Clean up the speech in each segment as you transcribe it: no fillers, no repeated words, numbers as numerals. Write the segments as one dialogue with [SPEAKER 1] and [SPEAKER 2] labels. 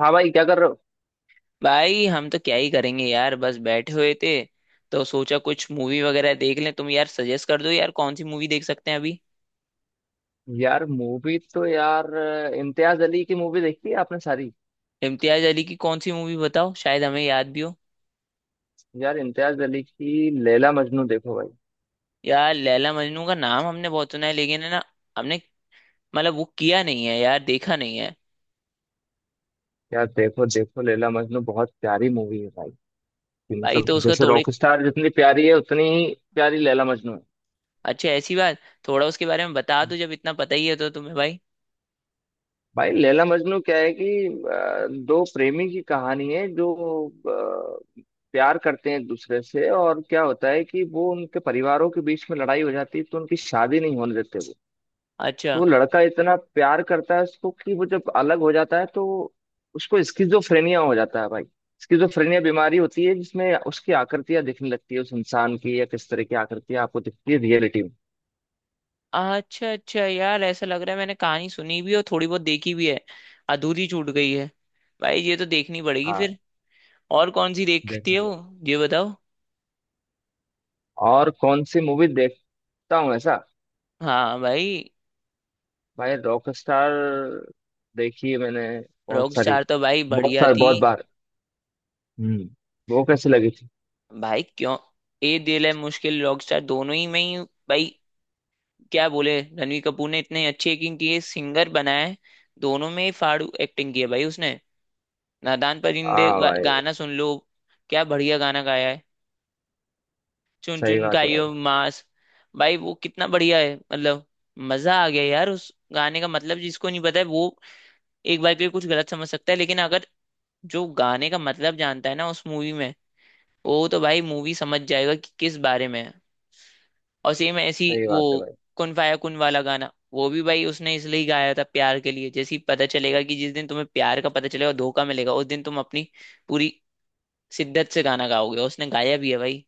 [SPEAKER 1] हाँ भाई, क्या कर रहे हो?
[SPEAKER 2] भाई हम तो क्या ही करेंगे यार, बस बैठे हुए थे तो सोचा कुछ मूवी वगैरह देख लें। तुम यार सजेस्ट कर दो यार, कौन सी मूवी देख सकते हैं अभी।
[SPEAKER 1] यार मूवी तो यार इम्तियाज अली की मूवी देखी है आपने सारी?
[SPEAKER 2] इम्तियाज अली की कौन सी मूवी बताओ, शायद हमें याद भी हो।
[SPEAKER 1] यार इम्तियाज अली की लैला मजनू देखो भाई।
[SPEAKER 2] यार लैला मजनू का नाम हमने बहुत सुना है लेकिन है ना, हमने मतलब वो किया नहीं है यार, देखा नहीं है।
[SPEAKER 1] यार देखो देखो, लैला मजनू बहुत प्यारी मूवी है भाई। कि
[SPEAKER 2] भाई तो
[SPEAKER 1] मतलब
[SPEAKER 2] उसका
[SPEAKER 1] जैसे
[SPEAKER 2] थोड़े।
[SPEAKER 1] रॉकस्टार जितनी प्यारी है उतनी ही प्यारी लैला मजनू है।
[SPEAKER 2] अच्छा, ऐसी बात। थोड़ा उसके बारे में बता दो, जब इतना पता ही है तो तुम्हें भाई।
[SPEAKER 1] भाई लैला मजनू क्या है कि दो प्रेमी की कहानी है जो अ, प्यार करते हैं एक दूसरे से, और क्या होता है कि वो उनके परिवारों के बीच में लड़ाई हो जाती है तो उनकी शादी नहीं होने देते वो।
[SPEAKER 2] अच्छा
[SPEAKER 1] तो वो लड़का इतना प्यार करता है उसको, कि वो जब अलग हो जाता है तो उसको स्किजोफ्रेनिया हो जाता है भाई। स्किजोफ्रेनिया बीमारी होती है जिसमें उसकी आकृतियां दिखने लगती है उस इंसान की, या किस तरह की आकृतियां आपको दिखती है रियलिटी में।
[SPEAKER 2] अच्छा अच्छा यार, ऐसा लग रहा है मैंने कहानी सुनी भी और थोड़ी बहुत देखी भी है, अधूरी छूट गई है। भाई ये तो देखनी पड़ेगी
[SPEAKER 1] हाँ,
[SPEAKER 2] फिर। और कौन सी देखती है
[SPEAKER 1] देखेंगे।
[SPEAKER 2] वो, ये बताओ।
[SPEAKER 1] और कौन सी मूवी देखता हूँ ऐसा?
[SPEAKER 2] हाँ भाई।
[SPEAKER 1] भाई रॉक स्टार देखी है मैंने, बहुत सारी,
[SPEAKER 2] रॉकस्टार तो भाई
[SPEAKER 1] बहुत
[SPEAKER 2] बढ़िया
[SPEAKER 1] सारी,
[SPEAKER 2] थी।
[SPEAKER 1] बहुत बार। हम्म, वो कैसी लगी थी?
[SPEAKER 2] भाई क्यों, ए दिल है मुश्किल, रॉकस्टार, दोनों ही में ही भाई, क्या बोले। रणवीर कपूर ने इतने अच्छे एक्टिंग की है, सिंगर बना है। दोनों में ही फाड़ू एक्टिंग की है भाई उसने। नादान परिंदे
[SPEAKER 1] हाँ भाई।
[SPEAKER 2] गाना सुन लो, क्या बढ़िया गाना गाया है। चुन
[SPEAKER 1] सही
[SPEAKER 2] चुन
[SPEAKER 1] बात है भाई।
[SPEAKER 2] खाइयो मांस। भाई वो कितना बढ़िया है, मतलब मजा आ गया यार उस गाने का। मतलब जिसको नहीं पता है वो एक बार के लिए कुछ गलत समझ सकता है, लेकिन अगर जो गाने का मतलब जानता है ना उस मूवी में, वो तो भाई मूवी समझ जाएगा कि किस बारे में है। और सेम ऐसी
[SPEAKER 1] सही
[SPEAKER 2] वो
[SPEAKER 1] बात है भाई।
[SPEAKER 2] कुन फाया कुन वाला गाना, वो भी भाई उसने इसलिए गाया था प्यार के लिए। जैसे ही पता चलेगा कि जिस दिन तुम्हें प्यार का पता चलेगा, धोखा मिलेगा, उस दिन तुम अपनी पूरी शिद्दत से गाना गाओगे, और उसने गाया भी है भाई।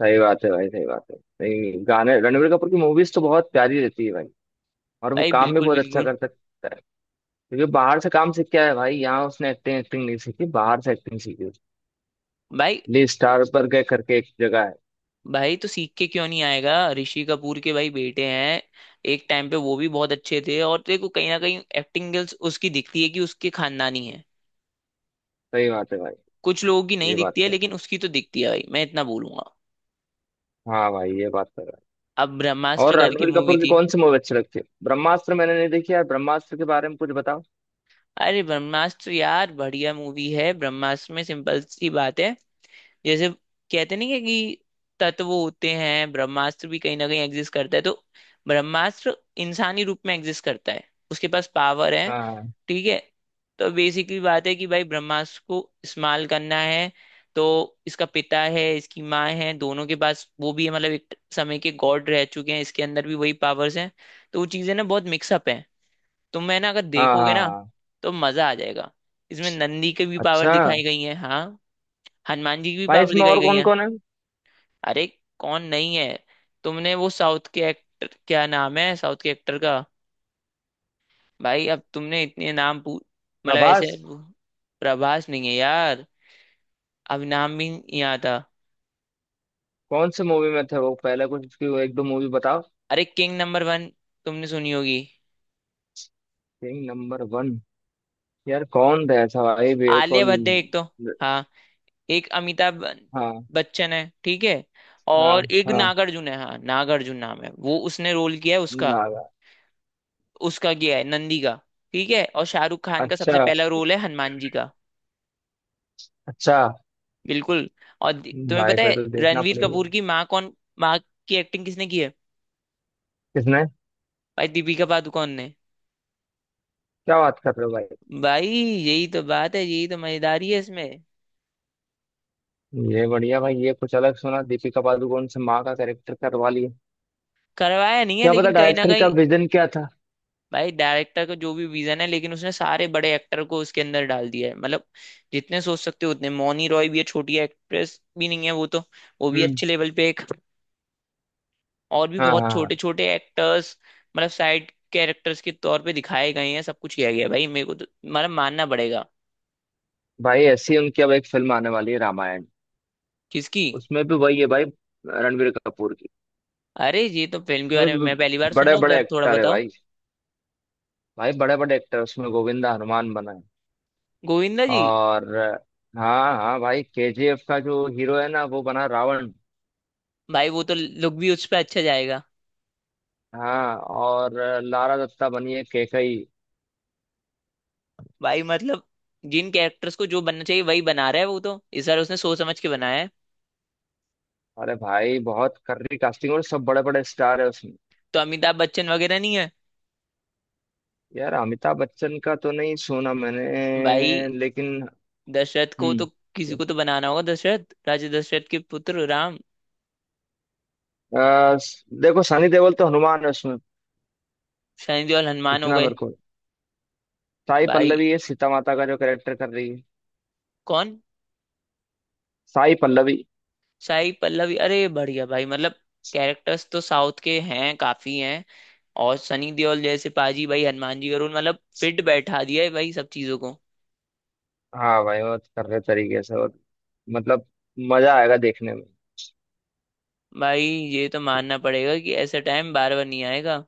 [SPEAKER 1] सही बात है भाई। सही बात है। नहीं, गाने रणबीर कपूर की मूवीज तो बहुत प्यारी रहती है भाई। और वो
[SPEAKER 2] भाई
[SPEAKER 1] काम भी
[SPEAKER 2] बिल्कुल
[SPEAKER 1] बहुत अच्छा
[SPEAKER 2] बिल्कुल।
[SPEAKER 1] कर सकता है। क्योंकि बाहर से काम सीख के आया है भाई, यहाँ उसने एक्टिंग एक्टिंग नहीं सीखी, बाहर से एक्टिंग सीखी उसने।
[SPEAKER 2] भाई।
[SPEAKER 1] ली स्टार पर गए करके एक जगह है।
[SPEAKER 2] भाई तो सीख के क्यों नहीं आएगा, ऋषि कपूर के भाई बेटे हैं। एक टाइम पे वो भी बहुत अच्छे थे, और देखो कहीं ना कहीं एक्टिंग स्किल्स उसकी दिखती है कि उसके खानदानी है।
[SPEAKER 1] सही बात है भाई।
[SPEAKER 2] कुछ लोगों की नहीं
[SPEAKER 1] ये बात
[SPEAKER 2] दिखती है
[SPEAKER 1] तो है।
[SPEAKER 2] लेकिन उसकी तो दिखती है भाई, मैं इतना बोलूंगा।
[SPEAKER 1] हाँ भाई, ये बात तो है।
[SPEAKER 2] अब ब्रह्मास्त्र
[SPEAKER 1] और
[SPEAKER 2] करके
[SPEAKER 1] रणबीर
[SPEAKER 2] मूवी
[SPEAKER 1] कपूर की
[SPEAKER 2] थी।
[SPEAKER 1] कौन सी मूवी अच्छी लगती है? ब्रह्मास्त्र मैंने नहीं देखी यार, ब्रह्मास्त्र के बारे में कुछ बताओ।
[SPEAKER 2] अरे ब्रह्मास्त्र यार बढ़िया मूवी है। ब्रह्मास्त्र में सिंपल सी बात है, जैसे कहते नहीं है कि तत्व होते हैं, ब्रह्मास्त्र भी कहीं ना कहीं एग्जिस्ट करता है। तो ब्रह्मास्त्र इंसानी रूप में एग्जिस्ट करता है, उसके पास पावर है।
[SPEAKER 1] हाँ,
[SPEAKER 2] ठीक है। तो बेसिकली बात है कि भाई ब्रह्मास्त्र को इस्तेमाल करना है। तो इसका पिता है, इसकी माँ है, दोनों के पास वो भी है, मतलब एक समय के गॉड रह चुके हैं। इसके अंदर भी वही पावर्स हैं, तो वो चीजें ना बहुत मिक्सअप हैं। तो मैं ना, अगर
[SPEAKER 1] हाँ,
[SPEAKER 2] देखोगे
[SPEAKER 1] हाँ,
[SPEAKER 2] ना
[SPEAKER 1] हाँ।
[SPEAKER 2] तो मजा आ जाएगा। इसमें नंदी की भी पावर
[SPEAKER 1] अच्छा।
[SPEAKER 2] दिखाई गई है, हाँ। हनुमान जी की भी
[SPEAKER 1] भाई
[SPEAKER 2] पावर
[SPEAKER 1] इसमें
[SPEAKER 2] दिखाई
[SPEAKER 1] और
[SPEAKER 2] गई
[SPEAKER 1] कौन
[SPEAKER 2] है।
[SPEAKER 1] कौन है?
[SPEAKER 2] अरे कौन नहीं है। तुमने वो साउथ के एक्टर, क्या नाम है साउथ के एक्टर का, भाई अब तुमने इतने नाम पू मतलब ऐसे।
[SPEAKER 1] प्रभास।
[SPEAKER 2] प्रभास नहीं है यार, अब नाम भी नहीं आता।
[SPEAKER 1] कौन से मूवी में थे वो पहले? कुछ उसकी एक दो मूवी बताओ।
[SPEAKER 2] अरे किंग नंबर 1, तुमने सुनी होगी।
[SPEAKER 1] King number one. यार कौन था ऐसा भाई, बे
[SPEAKER 2] आलिया
[SPEAKER 1] कौन?
[SPEAKER 2] भट्ट है एक तो, हाँ। एक अमिताभ
[SPEAKER 1] हाँ,
[SPEAKER 2] बच्चन है, ठीक है।
[SPEAKER 1] हाँ,
[SPEAKER 2] और एक
[SPEAKER 1] हाँ,
[SPEAKER 2] नागार्जुन है, हाँ नागार्जुन नाम है वो, उसने रोल किया है उसका।
[SPEAKER 1] नागा।
[SPEAKER 2] उसका किया है नंदी का, ठीक है। और शाहरुख खान का सबसे
[SPEAKER 1] अच्छा।
[SPEAKER 2] पहला रोल है हनुमान जी का।
[SPEAKER 1] अच्छा,
[SPEAKER 2] बिल्कुल। और तुम्हें
[SPEAKER 1] भाई
[SPEAKER 2] पता
[SPEAKER 1] पे
[SPEAKER 2] है
[SPEAKER 1] तो देखना
[SPEAKER 2] रणवीर
[SPEAKER 1] पड़ेगा।
[SPEAKER 2] कपूर की माँ कौन, माँ की एक्टिंग किसने की है?
[SPEAKER 1] किसने?
[SPEAKER 2] भाई दीपिका पादुकोण ने।
[SPEAKER 1] क्या बात कर रहे हो भाई।
[SPEAKER 2] भाई यही तो बात है, यही तो मजेदारी है इसमें।
[SPEAKER 1] ये बढ़िया भाई, ये कुछ अलग सुना, दीपिका पादुकोण से माँ का कैरेक्टर करवा लिया।
[SPEAKER 2] करवाया नहीं है
[SPEAKER 1] क्या पता
[SPEAKER 2] लेकिन कहीं ना
[SPEAKER 1] डायरेक्टर का
[SPEAKER 2] कहीं।
[SPEAKER 1] विजन क्या था।
[SPEAKER 2] भाई डायरेक्टर का जो भी विजन है, लेकिन उसने सारे बड़े एक्टर को उसके अंदर डाल दिया है। मतलब जितने सोच सकते हो उतने। मौनी रॉय भी है, छोटी एक्ट्रेस भी नहीं है वो तो, वो भी
[SPEAKER 1] हम्म।
[SPEAKER 2] अच्छे लेवल पे एक। और भी
[SPEAKER 1] हाँ, हाँ,
[SPEAKER 2] बहुत
[SPEAKER 1] हाँ।
[SPEAKER 2] छोटे छोटे एक्टर्स, मतलब साइड कैरेक्टर्स के तौर पे दिखाए गए हैं, सब कुछ किया गया है। भाई मेरे को तो मतलब मानना पड़ेगा।
[SPEAKER 1] भाई ऐसी उनकी अब एक फिल्म आने वाली है, रामायण।
[SPEAKER 2] किसकी?
[SPEAKER 1] उसमें भी वही है भाई। रणबीर कपूर की।
[SPEAKER 2] अरे ये तो फिल्म के
[SPEAKER 1] उसमें
[SPEAKER 2] बारे में
[SPEAKER 1] भी
[SPEAKER 2] मैं पहली बार सुन रहा
[SPEAKER 1] बड़े
[SPEAKER 2] हूँ,
[SPEAKER 1] बड़े
[SPEAKER 2] जरा थोड़ा
[SPEAKER 1] एक्टर है
[SPEAKER 2] बताओ।
[SPEAKER 1] भाई। भाई बड़े बड़े एक्टर उसमें, गोविंदा हनुमान बना है।
[SPEAKER 2] गोविंदा जी।
[SPEAKER 1] और, हाँ हाँ भाई, केजीएफ का जो हीरो है ना वो बना रावण।
[SPEAKER 2] भाई वो तो लुक भी उस पर अच्छा जाएगा।
[SPEAKER 1] हाँ, और लारा दत्ता बनी है केकई।
[SPEAKER 2] भाई मतलब जिन कैरेक्टर्स को जो बनना चाहिए वही बना रहा है, वो तो इस बार उसने सोच समझ के बनाया है।
[SPEAKER 1] अरे भाई बहुत कर्री कास्टिंग, और सब बड़े बड़े स्टार है उसमें।
[SPEAKER 2] तो अमिताभ बच्चन वगैरह नहीं है?
[SPEAKER 1] यार अमिताभ बच्चन का तो नहीं सुना मैंने,
[SPEAKER 2] भाई
[SPEAKER 1] लेकिन।
[SPEAKER 2] दशरथ को तो
[SPEAKER 1] हम्म।
[SPEAKER 2] किसी को तो बनाना होगा, दशरथ, राजा दशरथ के पुत्र राम।
[SPEAKER 1] देखो सनी देओल तो हनुमान है उसमें।
[SPEAKER 2] शनि देओल हनुमान हो
[SPEAKER 1] इतना
[SPEAKER 2] गए।
[SPEAKER 1] मेरे को। साई
[SPEAKER 2] भाई
[SPEAKER 1] पल्लवी है, सीता माता का जो कैरेक्टर कर रही है।
[SPEAKER 2] कौन?
[SPEAKER 1] साई पल्लवी।
[SPEAKER 2] साई पल्लवी, अरे बढ़िया भाई। मतलब कैरेक्टर्स तो साउथ के हैं काफी हैं। और सनी देओल जैसे पाजी भाई हनुमान जी का रोल, मतलब फिट बैठा दिया है भाई सब चीजों को।
[SPEAKER 1] हाँ भाई, वो कर रहे तरीके से, और मतलब मजा आएगा देखने में।
[SPEAKER 2] भाई ये तो मानना पड़ेगा कि ऐसा टाइम बार बार नहीं आएगा।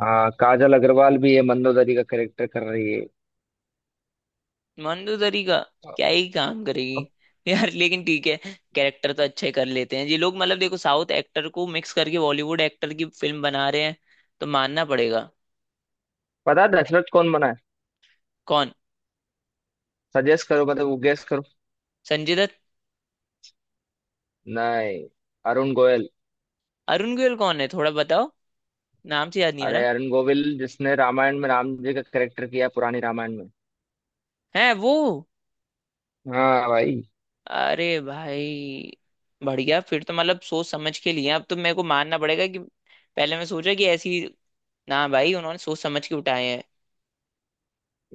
[SPEAKER 1] हाँ, काजल अग्रवाल भी है, मंदोदरी का कैरेक्टर कर रही है।
[SPEAKER 2] मनु दरीगा क्या ही काम
[SPEAKER 1] अब
[SPEAKER 2] करेगी। यार लेकिन ठीक है, कैरेक्टर तो अच्छे कर लेते हैं ये लोग। मतलब देखो, साउथ एक्टर को मिक्स करके बॉलीवुड एक्टर की फिल्म बना रहे हैं, तो मानना पड़ेगा।
[SPEAKER 1] पता है दशरथ कौन बना है?
[SPEAKER 2] कौन?
[SPEAKER 1] सजेस्ट करो, मतलब वो गेस करो।
[SPEAKER 2] संजय दत्त।
[SPEAKER 1] नहीं। अरुण गोयल।
[SPEAKER 2] अरुण गोयल कौन है, थोड़ा बताओ, नाम से याद नहीं आ
[SPEAKER 1] अरे
[SPEAKER 2] रहा।
[SPEAKER 1] अरुण गोविल, जिसने रामायण में राम जी का कैरेक्टर किया, पुरानी रामायण में।
[SPEAKER 2] है वो?
[SPEAKER 1] हाँ भाई।
[SPEAKER 2] अरे भाई बढ़िया, फिर तो मतलब सोच समझ के लिए, अब तो मेरे को मानना पड़ेगा कि पहले मैं सोचा कि ऐसी, ना भाई उन्होंने सोच समझ के उठाए हैं।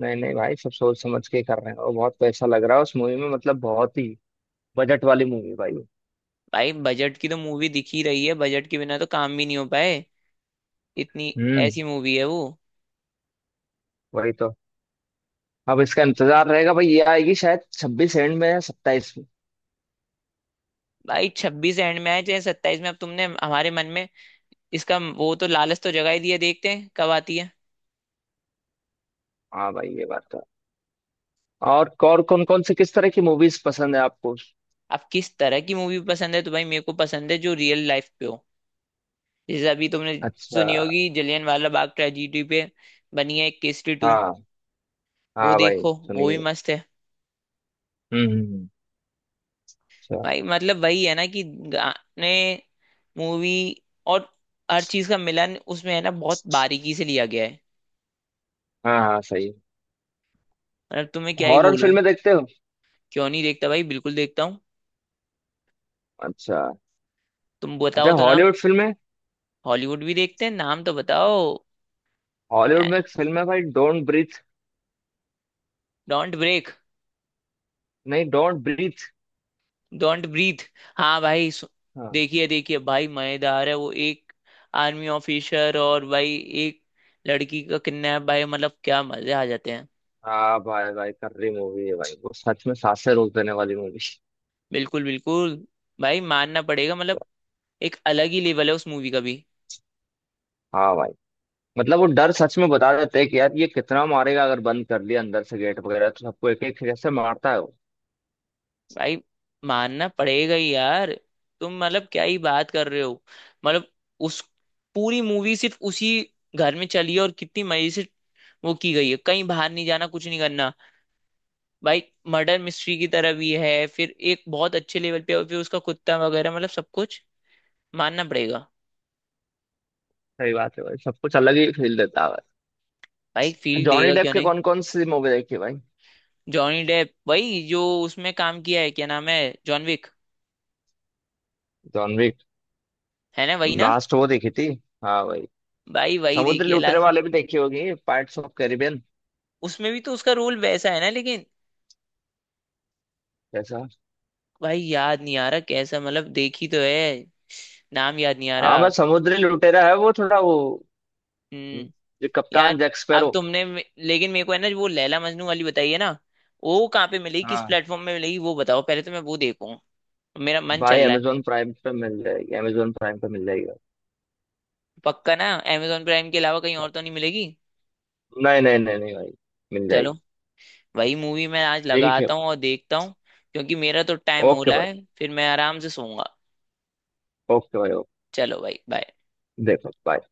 [SPEAKER 1] नहीं नहीं भाई, सब सोच समझ के कर रहे हैं, और बहुत पैसा लग रहा है उस मूवी में, मतलब बहुत ही बजट वाली मूवी भाई वो।
[SPEAKER 2] भाई बजट की तो मूवी दिख ही रही है, बजट के बिना तो काम भी नहीं हो पाए इतनी।
[SPEAKER 1] हम्म।
[SPEAKER 2] ऐसी मूवी है वो।
[SPEAKER 1] वही तो। अब इसका इंतजार रहेगा भाई, ये आएगी शायद 26 एंड में या 27 में।
[SPEAKER 2] भाई 26 एंड में आए चाहे 27 में, अब तुमने हमारे मन में इसका वो, तो लालच तो जगा ही दिया, देखते हैं कब आती है।
[SPEAKER 1] हाँ भाई, ये बात तो है। और कौन कौन सी, किस तरह की मूवीज पसंद है आपको?
[SPEAKER 2] अब किस तरह की मूवी पसंद है तो भाई, मेरे को पसंद है जो रियल लाइफ पे हो। जैसे अभी तुमने
[SPEAKER 1] अच्छा।
[SPEAKER 2] सुनी होगी, जलियन वाला बाग ट्रेजिडी पे बनी है एक, केसरी 2।
[SPEAKER 1] हाँ,
[SPEAKER 2] वो
[SPEAKER 1] हाँ भाई।
[SPEAKER 2] देखो, वो भी
[SPEAKER 1] सुनिए।
[SPEAKER 2] मस्त है।
[SPEAKER 1] हम्म, हम्म। अच्छा।
[SPEAKER 2] भाई मतलब वही है ना कि गाने, मूवी, और हर चीज का मिलन उसमें है ना, बहुत बारीकी से लिया गया है।
[SPEAKER 1] हाँ, हाँ, सही।
[SPEAKER 2] मतलब तुम्हें क्या ही
[SPEAKER 1] हॉरर
[SPEAKER 2] बोलूं।
[SPEAKER 1] फिल्में देखते हो?
[SPEAKER 2] क्यों नहीं देखता भाई, बिल्कुल देखता हूँ।
[SPEAKER 1] अच्छा।
[SPEAKER 2] तुम
[SPEAKER 1] अच्छा,
[SPEAKER 2] बताओ तो ना।
[SPEAKER 1] हॉलीवुड फिल्में?
[SPEAKER 2] हॉलीवुड भी देखते हैं, नाम तो बताओ।
[SPEAKER 1] हॉलीवुड में एक फिल्म है भाई, डोंट ब्रीथ।
[SPEAKER 2] Don't break?
[SPEAKER 1] नहीं, डोंट ब्रीथ।
[SPEAKER 2] Don't breathe. हाँ भाई,
[SPEAKER 1] हाँ।
[SPEAKER 2] देखिए देखिए भाई मजेदार है वो। एक आर्मी ऑफिसर और भाई एक लड़की का किडनैप, भाई मतलब क्या मजे आ जाते हैं।
[SPEAKER 1] हाँ भाई, भाई कर्री मूवी है भाई वो, सच में सांसें रोक देने वाली मूवी।
[SPEAKER 2] बिल्कुल बिल्कुल। भाई मानना पड़ेगा, मतलब एक अलग ही लेवल है उस मूवी का भी।
[SPEAKER 1] हाँ भाई, मतलब वो डर सच में बता देते हैं, कि यार ये कितना मारेगा अगर बंद कर लिया अंदर से गेट वगैरह, तो सबको एक एक जैसे मारता है वो।
[SPEAKER 2] भाई मानना पड़ेगा ही यार, तुम मतलब क्या ही बात कर रहे हो। मतलब उस पूरी मूवी सिर्फ उसी घर में चली है, और कितनी मजे से वो की गई है, कहीं बाहर नहीं जाना, कुछ नहीं करना। भाई मर्डर मिस्ट्री की तरह भी है फिर एक, बहुत अच्छे लेवल पे। और फिर उसका कुत्ता वगैरह, मतलब सब कुछ, मानना पड़ेगा।
[SPEAKER 1] सही बात है भाई, सब कुछ अलग ही फील देता है भाई।
[SPEAKER 2] भाई फील
[SPEAKER 1] जॉनी
[SPEAKER 2] देगा
[SPEAKER 1] डेप
[SPEAKER 2] क्यों
[SPEAKER 1] के
[SPEAKER 2] नहीं।
[SPEAKER 1] कौन कौन सी मूवी देखी भाई?
[SPEAKER 2] जॉनी डेप, वही जो उसमें काम किया है, क्या नाम है, जॉन विक।
[SPEAKER 1] John Wick.
[SPEAKER 2] है ना वही ना?
[SPEAKER 1] लास्ट वो देखी थी। हाँ भाई।
[SPEAKER 2] भाई वही
[SPEAKER 1] समुद्री
[SPEAKER 2] देखिए
[SPEAKER 1] लुटेरे
[SPEAKER 2] लास्ट।
[SPEAKER 1] वाले भी देखी होगी, पाइरेट्स ऑफ कैरिबियन।
[SPEAKER 2] उसमें भी तो उसका रोल वैसा है ना, लेकिन
[SPEAKER 1] जैसा।
[SPEAKER 2] भाई याद नहीं आ रहा कैसा, मतलब देखी तो है, नाम याद नहीं आ
[SPEAKER 1] हाँ,
[SPEAKER 2] रहा।
[SPEAKER 1] मैं समुद्री लुटेरा है वो, थोड़ा वो।
[SPEAKER 2] हम्म।
[SPEAKER 1] जो
[SPEAKER 2] यार
[SPEAKER 1] कप्तान जैक
[SPEAKER 2] अब
[SPEAKER 1] स्पैरो।
[SPEAKER 2] तुमने लेकिन मेरे को है ना वो लैला मजनू वाली बताई है ना, वो कहाँ पे मिलेगी, किस
[SPEAKER 1] हाँ।
[SPEAKER 2] प्लेटफॉर्म में मिलेगी वो बताओ, पहले तो मैं वो देखूँ, मेरा मन
[SPEAKER 1] भाई
[SPEAKER 2] चल रहा है।
[SPEAKER 1] अमेजोन प्राइम पे मिल जाएगी, अमेजोन प्राइम पे मिल जाएगी।
[SPEAKER 2] पक्का ना? amazon प्राइम के अलावा कहीं और तो नहीं मिलेगी।
[SPEAKER 1] भाई नहीं, नहीं, नहीं, नहीं भाई। मिल
[SPEAKER 2] चलो,
[SPEAKER 1] जाएगी।
[SPEAKER 2] वही मूवी मैं आज
[SPEAKER 1] ठीक है।
[SPEAKER 2] लगाता हूँ और देखता हूँ, क्योंकि मेरा तो टाइम हो
[SPEAKER 1] ओके
[SPEAKER 2] रहा
[SPEAKER 1] भाई।
[SPEAKER 2] है, फिर मैं आराम से सोऊंगा।
[SPEAKER 1] ओके भाई, ओके।
[SPEAKER 2] चलो भाई, बाय।
[SPEAKER 1] देखो bye।